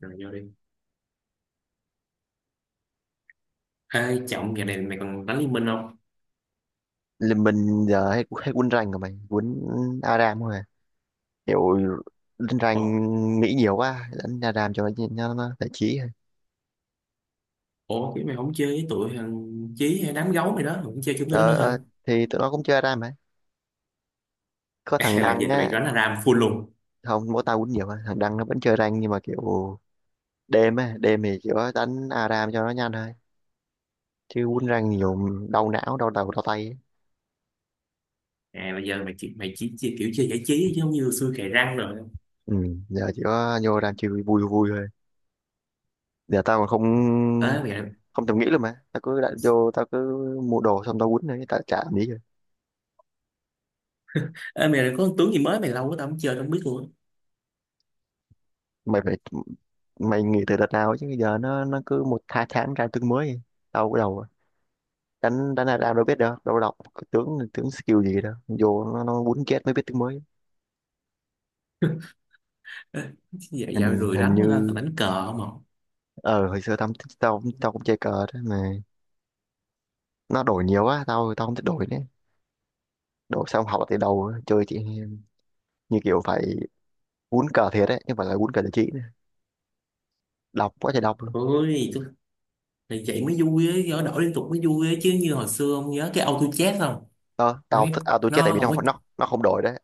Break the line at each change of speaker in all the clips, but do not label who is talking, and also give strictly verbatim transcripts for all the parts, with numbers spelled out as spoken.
Rồi vô đi. Ê Trọng, giờ này mày còn đánh liên minh không?
Là mình giờ hay, hay quýnh rank rồi, mày quýnh Aram thôi à. Kiểu lên rank
Ủa,
nghĩ nhiều quá đánh Aram cho nó nó, nó giải trí thôi.
ủa cái mày không chơi với tụi thằng Chí hay đám gấu mày đó, mày không chơi chúng tụi đó
Ờ,
nữa hả?
ờ, thì tụi nó cũng chơi Aram ấy, có thằng
Ê, là
Đăng
giờ tụi mày
á.
đánh a ram full luôn
Không, mỗi tao quýnh nhiều mà thằng Đăng nó vẫn chơi rank, nhưng mà kiểu đêm á, đêm thì kiểu đánh Aram cho nó nhanh thôi chứ quýnh rank nhiều đau não đau đầu đau tay ấy.
à? Bây giờ mày chỉ mày chỉ, chỉ kiểu chơi giải trí chứ không như xưa cày răng rồi?
Ừ, giờ chỉ có vô rank chơi vui vui vui thôi. Giờ tao mà không
ê mày
không thèm nghĩ luôn mà tao cứ đặt vô, tao cứ mua đồ xong tao quýnh thôi, tao chả làm gì.
Ê mày, có con tướng gì mới mày? Lâu quá tao không chơi, tao không biết luôn.
Mày phải, mày nghỉ từ đợt nào ấy chứ bây giờ nó nó cứ một hai tháng ra tướng mới. Đâu cái đầu, đánh đánh là ra đâu biết đâu đâu đọc tướng tướng skill gì đâu, vô nó, nó quýnh chết mới biết tướng mới.
Á. Ê, dạo, dạo
hình
rười
hình
đánh quá, tao tao
như
đánh cờ không à.
ờ hồi xưa tao tao tao cũng chơi cờ đó mà, nó đổi nhiều quá tao tao không thích đổi nữa. Đổi xong học từ đầu, chơi chị như kiểu phải quýnh cờ thiệt đấy, nhưng mà là quýnh cờ giải trí nữa. Đọc quá trời đọc luôn.
Ôi tôi, mày vậy mới vui ấy, đổi đổi liên tục mới vui ấy chứ, như hồi xưa không nhớ cái auto chess không?
Ờ, tao
Mấy
thích à, tôi chết tại
nó
vì
không
nó
có.
không nó nó không đổi đấy.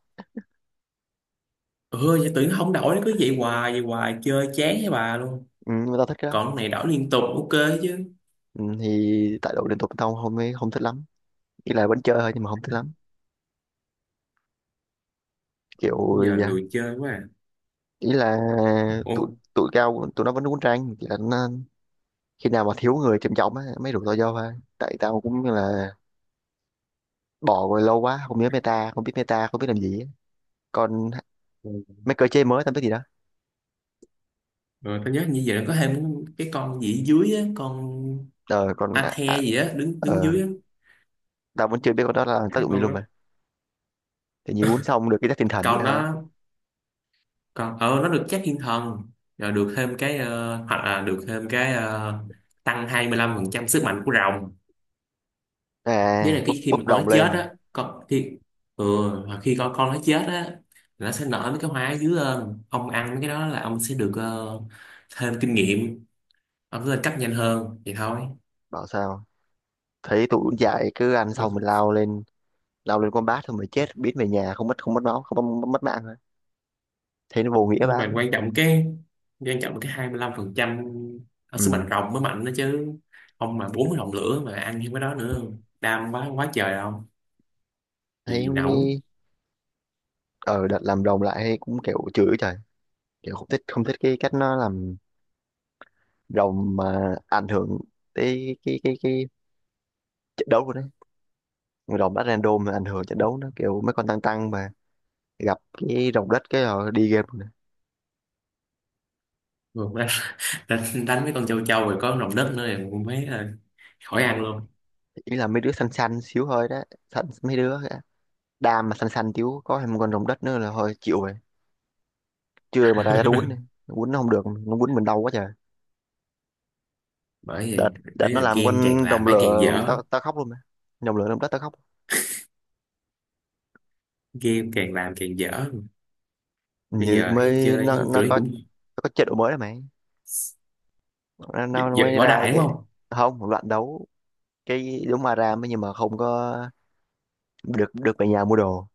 Ừ, vậy tưởng không đổi nó cứ vậy hoài vậy hoài chơi chán với bà luôn.
Ừ, nhưng mà tao thích cái đó.
Còn này đổi liên tục, ok. Chứ.
Ừ, thì tại đổi liên tục tao không không thích lắm, ý là vẫn chơi thôi nhưng mà không thích lắm
Bây
kiểu,
giờ
dạ,
lười chơi quá à.
ý là
Ủa.
tụi tụi cao tụi nó vẫn uống trang, chỉ là nó, khi nào mà thiếu người trầm trọng á mới rủ tao vô thôi, tại tao cũng như là bỏ rồi lâu quá không nhớ meta, không biết meta không biết làm gì á. Còn
Rồi
mấy cơ chế mới tao biết gì đó.
tao nhớ như vậy nó có thêm cái con gì ở dưới á, con
ờ Còn
a
à, à,
the gì á, đứng đứng
ờ
dưới á.
tao vẫn chưa biết con đó là tác
Cái
dụng gì
con
luôn
đó,
mà. Thì như uống xong được cái chất tinh thần vậy
con
thôi.
đó, con ờ nó được chắc thiên thần. Rồi được thêm cái ờ, hoặc là được thêm cái ờ, tăng hai mươi lăm phần trăm sức mạnh của rồng. Với
À,
lại
bốc
cái khi mà
bốc
con
đồng
nó chết
lên nè.
á, con khi, ừ, hoặc khi con con nó chết á, nó sẽ nở mấy cái hoa ở dưới lên, ông ăn mấy cái đó là ông sẽ được ờ, thêm kinh nghiệm, ông sẽ lên cấp nhanh hơn thì thôi.
Bảo sao thấy tụi uống dại cứ ăn xong
Ừ.
mình lao lên, lao lên con bát thôi mà chết biến về nhà không mất không mất máu không mất, mất mạng. Thấy nó vô nghĩa
Nhưng
vãi.
mà quan trọng cái, quan trọng cái hai mươi lăm phần trăm ở sức mạnh
Ừ.
rồng mới mạnh đó chứ. Ông mà bốn mươi rồng lửa mà ăn như cái đó nữa đam quá quá trời không, chịu
Thấy
gì nổi.
mới ờ đợt làm rồng lại cũng kiểu chửi trời, kiểu không thích không thích cái cách nó làm rồng mà ảnh hưởng tới cái cái cái trận đấu của nó. Rồng bắt random mà ảnh hưởng trận đấu nó kiểu mấy con tăng tăng mà gặp cái rồng đất cái rồi đi game rồi.
Rồi đánh, đánh, đánh mấy con châu châu rồi có rồng đất nữa thì cũng thấy là khỏi ăn luôn.
Ý là mấy đứa xanh xanh xíu hơi đó, xanh mấy đứa á. Đam mà xanh xanh xíu có thêm một con rồng đất nữa là thôi chịu rồi. Chưa mà ra ra quýnh đi, quýnh nó không được nó quýnh mình đau quá trời.
Bởi
đợt
vậy.
đợt
Ý
nó
là
làm
game càng
con
làm
rồng
mấy càng
lửa
dở,
tao tao khóc luôn mà, rồng lửa rồng đất tao khóc.
game càng làm càng dở. Bây
Như
giờ thấy
mới
chơi
nó
thấy
nó
tụi nó
có
cũng
nó có chế độ mới rồi mày, nó,
giật,
nó
giật
mới
võ
ra
đại đúng
cái
không?
không một loạt đấu, cái giống Aram ấy, nhưng mà không có được được về nhà mua đồ,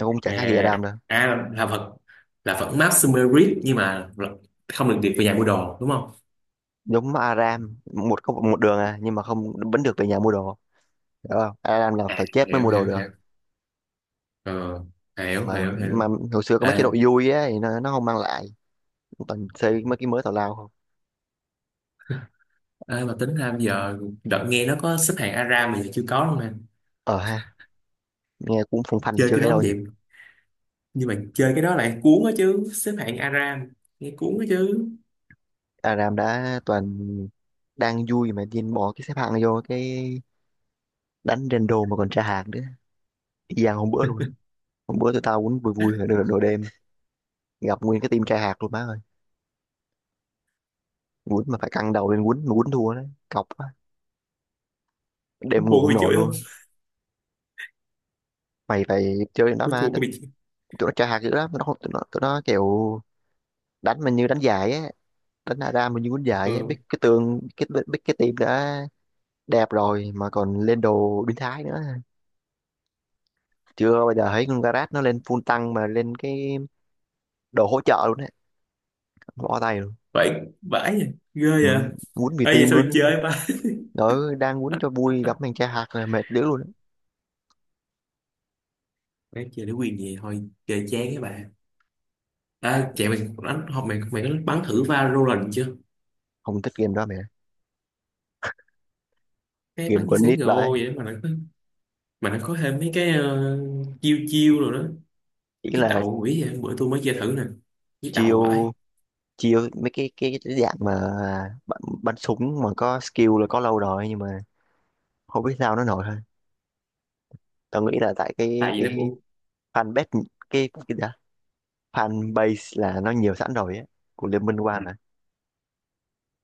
nó cũng chả khác gì
À,
Aram đâu.
à là là vật, là vẫn map Sumerit nhưng mà không được điệp về nhà mua đồ đúng không?
Giống Aram một có một đường à, nhưng mà không, vẫn được về nhà mua đồ, hiểu không? Aram là
À,
phải chết mới
hiểu
mua đồ
hiểu
được.
hiểu. Ờ, hiểu
mà
hiểu
mà
hiểu.
hồi xưa có mấy chế
à,
độ vui á thì nó nó không mang lại, toàn xây mấy cái mới tào lao không.
à, mà tính ra bây giờ đợt nghe nó có xếp hạng Aram mà giờ chưa có luôn nè.
Ờ ha, nghe cũng phong phanh mà
Chơi
chưa
cái
thấy
đó
đâu nhỉ.
vậy, nhưng mà chơi cái đó lại cuốn á chứ xếp hạng Aram nghe cuốn á chứ.
Aram đã toàn đang vui mà điên bỏ cái xếp hạng vô cái đánh rando, mà còn tra hạt nữa, y gian hôm bữa luôn á. Hôm bữa tụi tao quýnh vui vui rồi nửa đồ đêm, gặp nguyên cái team tra hạt luôn má ơi. Quýnh mà phải căng đầu lên quýnh, mà quýnh thua đấy cọc quá, đêm ngủ
Thua có
không
bị
nổi
chửi không?
luôn. Mày phải chơi cái đó
Ui,
mà
thua có
tụi
bị chửi.
tụi nó tra hạt dữ lắm, tụi nó không tụi nó, tụi nó kiểu đánh mình như đánh giải á, đánh ra ra mình như quýnh giải á, biết
Ừ.
cái tường biết, biết, biết cái team đã đẹp rồi mà còn lên đồ biến thái nữa. Chưa bao giờ thấy con Garage nó lên full tăng mà lên cái đồ hỗ trợ luôn đấy, bỏ tay luôn.
Vậy vãi vậy, ghê vậy.
Ừ, quýnh vì
Ơi vậy
team
sao
luôn á.
chơi ba.
Đó, đang quýnh cho vui gặp thằng cha hạt là mệt đéo luôn á.
Bé chơi để quyền gì thôi, chơi chán các bạn. À, chạy mày. Đánh học mày, mày có bắn thử Valorant chưa?
Không thích game đó mẹ.
Cái
Game
bắn như
của anh nít
xê ét:gâu
vậy.
vậy mà nó có, mà nó có thêm mấy cái ờ, chiêu chiêu rồi đó.
Chỉ
Chiếc
là
đầu quỷ vậy, bữa tôi mới chơi thử nè. Chiếc đầu vậy.
chiêu chiêu mấy cái cái, cái dạng mà bắn, bắn súng mà có skill là có lâu rồi nhưng mà không biết sao nó nổi thôi. Tao nghĩ là tại
Tại
cái
vì nó
cái
của,
fan base cái cái gì đó, fan base là nó nhiều sẵn rồi á, của Liên Minh One. Ừ.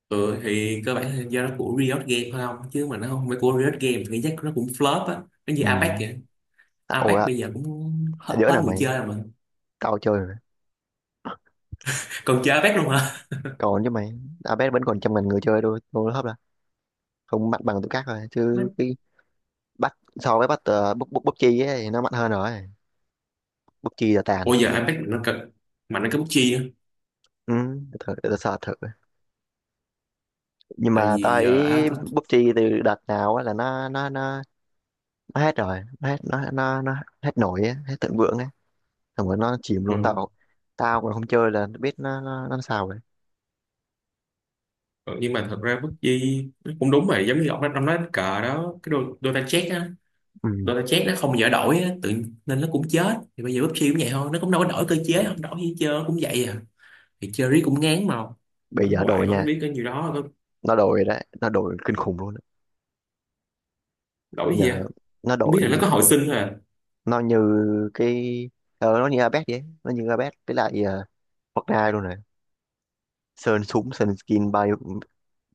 ừ, thì cơ bản là do nó của Riot Games thôi, không chứ mà nó không phải của Riot Games thì chắc nó cũng flop á. Nó như
Ừ.
Apex vậy.
À, ủa,
Apex
à,
bây giờ cũng hết,
đứa
hết
nào
người
mày?
chơi rồi mà.
Tao chơi rồi.
Còn chơi Apex luôn hả?
Còn chứ mày, Abed vẫn còn trăm ngàn người chơi thôi, tôi hấp là không mạnh bằng tụi khác rồi chứ. Cái bắt so với bắt uh, bút bút bút chi ấy, thì nó mạnh hơn rồi, bút chi là tàn.
Ủa giờ Apex mà nó cực, mà nó cái bút chi á.
Ừ, để thử để sợ thử, nhưng
Tại
mà tao
vì giờ à,
thấy
tôi,
bút chi từ đợt nào á là nó nó nó nó hết rồi, nó hết nó nó nó hết nổi á, hết thịnh vượng ấy, xong rồi nó chìm luôn.
ừ.
Tao tao còn không chơi là biết nó nó, nó sao rồi.
Ờ, nhưng mà thật ra bất di nó cũng đúng vậy, giống như ông nói- ông nói đánh cờ đó cái đôi đôi ta chết á,
Ừ.
đôi ta chết nó không dở đổi á tự, nên nó cũng chết. Thì bây giờ pê u bê giê cũng vậy thôi, nó cũng đâu có đổi cơ chế, không đổi gì chơi cũng vậy à, thì chơi riết cũng ngán mà.
Bây
Đánh
giờ
hoài
đổi
bắn
nha,
riết cái nhiêu đó có
nó đổi đấy, nó đổi kinh khủng luôn đấy.
đổi
Bây
gì à?
giờ nó
Không
đổi,
biết là nó có hồi sinh thôi à.
nó như cái ờ, nó như Abed vậy, nó như Abed với lại uh, Fortnite luôn này, sơn súng sơn skin bao nhiêu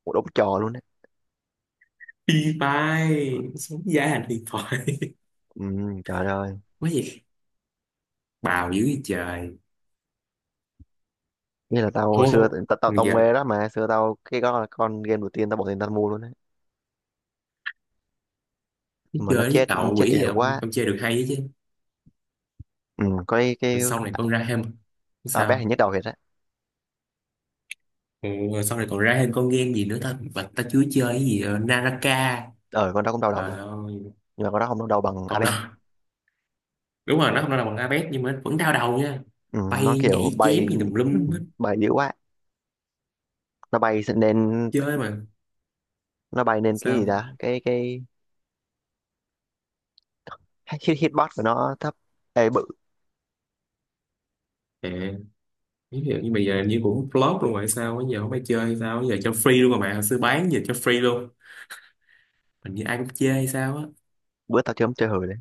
một đống trò luôn đấy.
Đi bay sống giá hành điện thoại,
Ừ, trời ơi.
quá gì, bào dữ gì trời.
Nghĩa là tao hồi xưa
Ô
tao tao, tao
giờ
mê đó mà, xưa tao cái đó là con game đầu tiên tao bỏ tiền tao mua luôn đấy,
cái
mà nó
chơi với
chết,
đầu
chết
quỷ gì
yếu
ông,
quá.
ông chơi được hay chứ?
Ừ, có cái,
Rồi
cái
sau này con ra thêm,
à, bé thì
sao?
nhức đầu thiệt đấy.
Ừ, rồi sau này còn ra thêm con game gì nữa ta, và ta chưa chơi cái gì ờ, Naraka.
ờ con đó cũng đau đầu
Trời
nha,
ơi,
nhưng mà con đó không đau đầu bằng
con đó.
Abed.
Đúng rồi nó không phải là bằng Abet nhưng mà vẫn đau đầu nha.
Ừ, nó
Bay
kiểu
nhảy
bay.
chém gì tùm
Ừ,
lum hết.
bay yếu quá, nó bay nên
Chơi mà
nó bay nên cái gì
sao.
đó cái cái hit hitbox của nó thấp. Ê bự,
À, ví dụ như bây giờ như cũng flop luôn rồi, sao bây giờ không phải chơi hay sao bây giờ cho free luôn rồi mà hồi xưa bán, giờ cho free luôn, hình như ai cũng chơi hay sao á.
bữa tao chơi chơi hời đấy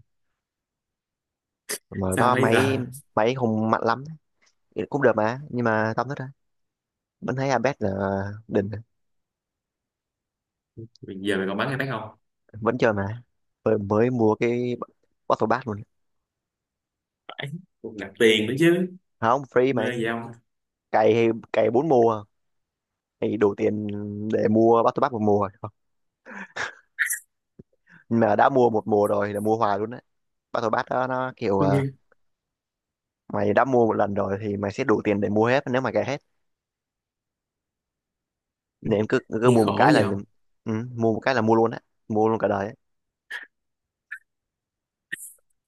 mà
Sao
đó
bây
máy
giờ.
máy không mạnh lắm đấy. Cũng được mà, nhưng mà tao thích đấy, vẫn thấy Abed là đỉnh.
Bây giờ mày còn bán hay bán không?
Vẫn chơi mà, mới, mới mua cái Battle Pass luôn.
Phải cũng nạp tiền nữa chứ.
Không free mà anh,
Mê gì không.
cày thì- cày bốn mùa thì đủ tiền để mua Battle Pass một mùa. Mà đã mua một mùa rồi là mua hoài luôn đấy, Battle Pass đó nó kiểu
Tôi nghe,
à, mày đã mua một lần rồi thì mày sẽ đủ tiền để mua hết nếu mà cày hết, nên cứ cứ
nghe
mua một
khổ
cái
gì
là.
không,
Ừ, mua một cái là mua luôn á, mua luôn cả đời á.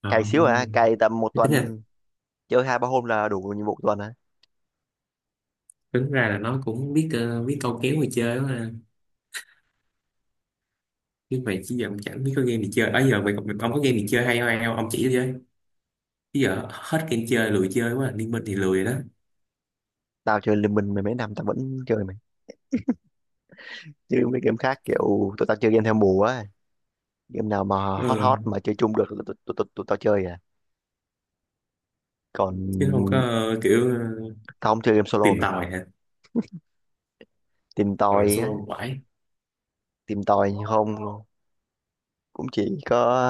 trời
Cày xíu à
ơi.
cày tầm một
Thế tính là,
tuần, chơi hai ba hôm là đủ nhiệm vụ tuần á.
tính ra là nó cũng biết ờ, biết câu kéo người chơi đó mà. Chứ mày chỉ giờ cũng chẳng biết có game gì chơi đó giờ mày, mày ông có game gì chơi hay không, hay không ông chỉ cho chứ. Chứ giờ hết game chơi lười chơi quá à. Liên minh thì lười rồi đó.
Tao chơi liên minh mười mấy năm tao vẫn chơi mày, chứ mấy game khác kiểu tụi tao chơi game theo mùa á, game nào mà hot hot
Ừ.
mà chơi chung được là tụi tụi tụi tụi tao chơi à. Còn
Chứ không có ờ, kiểu ờ,
tao không chơi game solo
tìm
mày,
tòi hả.
tìm
Rồi
tòi
solo
á,
quải,
tìm tòi không luôn, cũng chỉ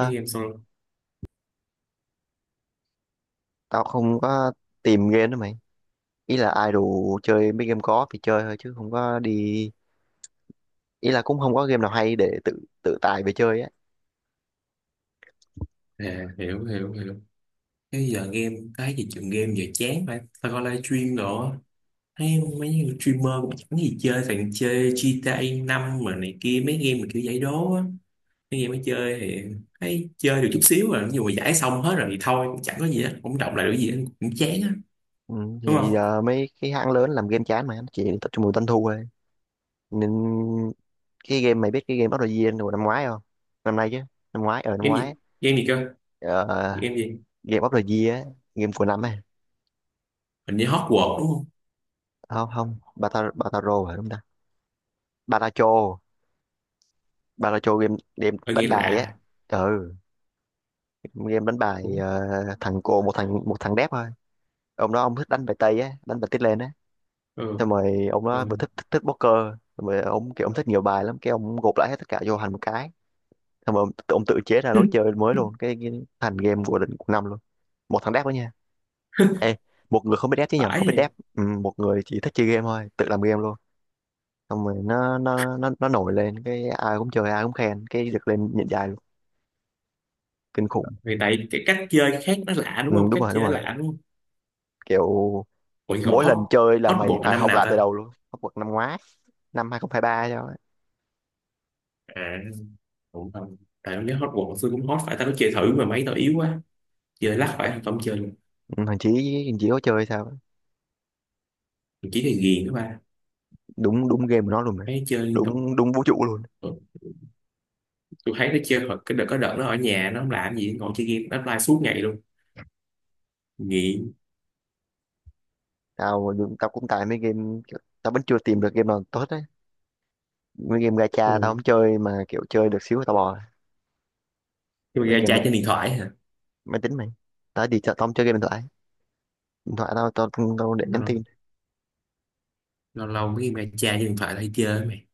cái game solo.
tao không có tìm game đó mày. Ý là ai đủ chơi mấy game có thì chơi thôi chứ không có đi, ý là cũng không có game nào hay để tự tự tài về chơi á.
À, hiểu hiểu hiểu. Cái giờ game cái gì, chuyện game giờ chán phải, tao coi livestream đồ á. Thấy mấy người streamer cũng chẳng gì chơi, thằng chơi gi ti ây năm mà này kia, mấy game mà kiểu giải đố á. Khi em mới chơi thì thấy chơi được chút xíu rồi, nhưng mà giải xong hết rồi thì thôi, cũng chẳng có gì hết, cũng động lại được gì hết, cũng chán á,
Ừ,
đúng
thì
không?
giờ mấy cái hãng lớn làm game chán mà nó chỉ tập trung vào doanh thu thôi, nên cái game, mày biết cái game Battle Royale hồi năm ngoái không? Năm nay chứ, năm ngoái, ở năm
Game
ngoái á.
gì? Game gì cơ?
Ờ,
Game gì?
game of the year á, game của năm á.
Hình như Hogwarts đúng không?
Không, không, Bata- Bataro hả đúng ta, Baracho, Baracho game game
Ờ,
đánh
nghe
bài á.
lạ.
Ừ, game đánh bài,
Ủa?
ờ, thằng cô, một thằng một thằng đép thôi. Ông đó ông thích đánh bài tây á, đánh bài tít lên á,
Ừ,
xong rồi ông đó
ừ.
vừa thích thích, thích poker, xong rồi ông kiểu ông thích nhiều bài lắm, cái ông gộp lại hết tất cả vô thành một cái, xong rồi ông, ông tự chế ra lối chơi mới luôn, cái, cái thành game của định của năm luôn. Một thằng đép đó nha. Ê, một người không biết đép chứ nhầm, không
Phải
biết
vậy.
đép. Ừ, một người chỉ thích chơi game thôi tự làm game luôn, xong rồi nó nó nó nó nổi lên cái ai cũng chơi ai cũng khen, cái được lên nhận dài luôn, kinh khủng.
Vì tại cái cách chơi khác nó lạ đúng
Ừ,
không?
đúng
Cách
rồi, đúng
chơi nó
rồi,
lạ đúng không?
kiểu
Ủa còn
mỗi
Hot,
lần chơi là mày
Hotbox là
phải
năm
học
nào
lại từ
ta?
đầu luôn, học bậc năm ngoái năm hai không hai ba cho ấy.
À, cũng không. Tại em nhớ Hotbox xưa cũng hot, phải tao có chơi thử mà mấy tao yếu quá. Chơi lắc phải không chơi luôn.
Ừ, thằng Chí, thằng Chí có chơi sao ấy.
Mình chỉ là ghiền đó ba.
Đúng đúng, game của nó luôn mà,
Mấy chơi liên tục.
đúng đúng vũ trụ luôn.
Ừ. Tôi thấy nó chơi hồi- cái đợt có đợt nó ở nhà nó không làm gì ngồi chơi game, nó offline suốt ngày luôn, nghiện.
Tao tao cũng tại mấy game kiểu- tao vẫn chưa tìm được game nào tốt đấy, mấy game gacha tao
Ừ.
không chơi mà kiểu chơi được xíu là tao bỏ. Là
Nhưng mà
mấy
ra
game
trai trên điện thoại hả.
máy tính mày, tao đi chợ tao không chơi game điện thoại, điện thoại tao tao tao, để nhắn
lâu
tin.
lâu lâu mấy game ra trai trên điện thoại là hay chơi mày.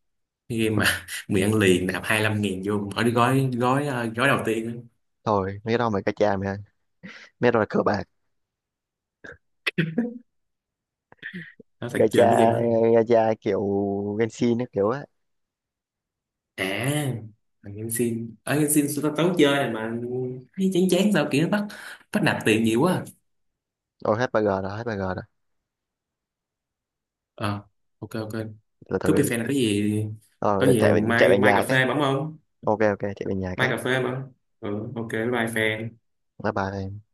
Cái game mà mười ăn liền nạp hai mươi lăm nghìn vô khỏi cái gói gói ờ, gói đầu tiên á.
Rồi mấy cái đó mày, gacha mày ơi. Mét rồi cờ bạc,
Nó thật
gacha
chơi mấy game đó luôn.
gacha kiểu Genshin ấy, kiểu á.
À thằng game xin ở game xin, tao tao chơi này mà thấy chán chán sao kiểu nó bắt, bắt nạp tiền nhiều quá à.
Ôi, hết bagger rồi, hết bagger rồi.
Ờ, ok ok.
Từ từ,
Cướp đi fan là cái gì.
ờ
Có
để
gì
chạy về- chạy
mai
về
mai cà
nhà cái.
phê bấm không?
Ok, ok, chạy về nhà
Mai
cái.
cà phê bấm. Ừ ok, bye bye fan.
Bye bye.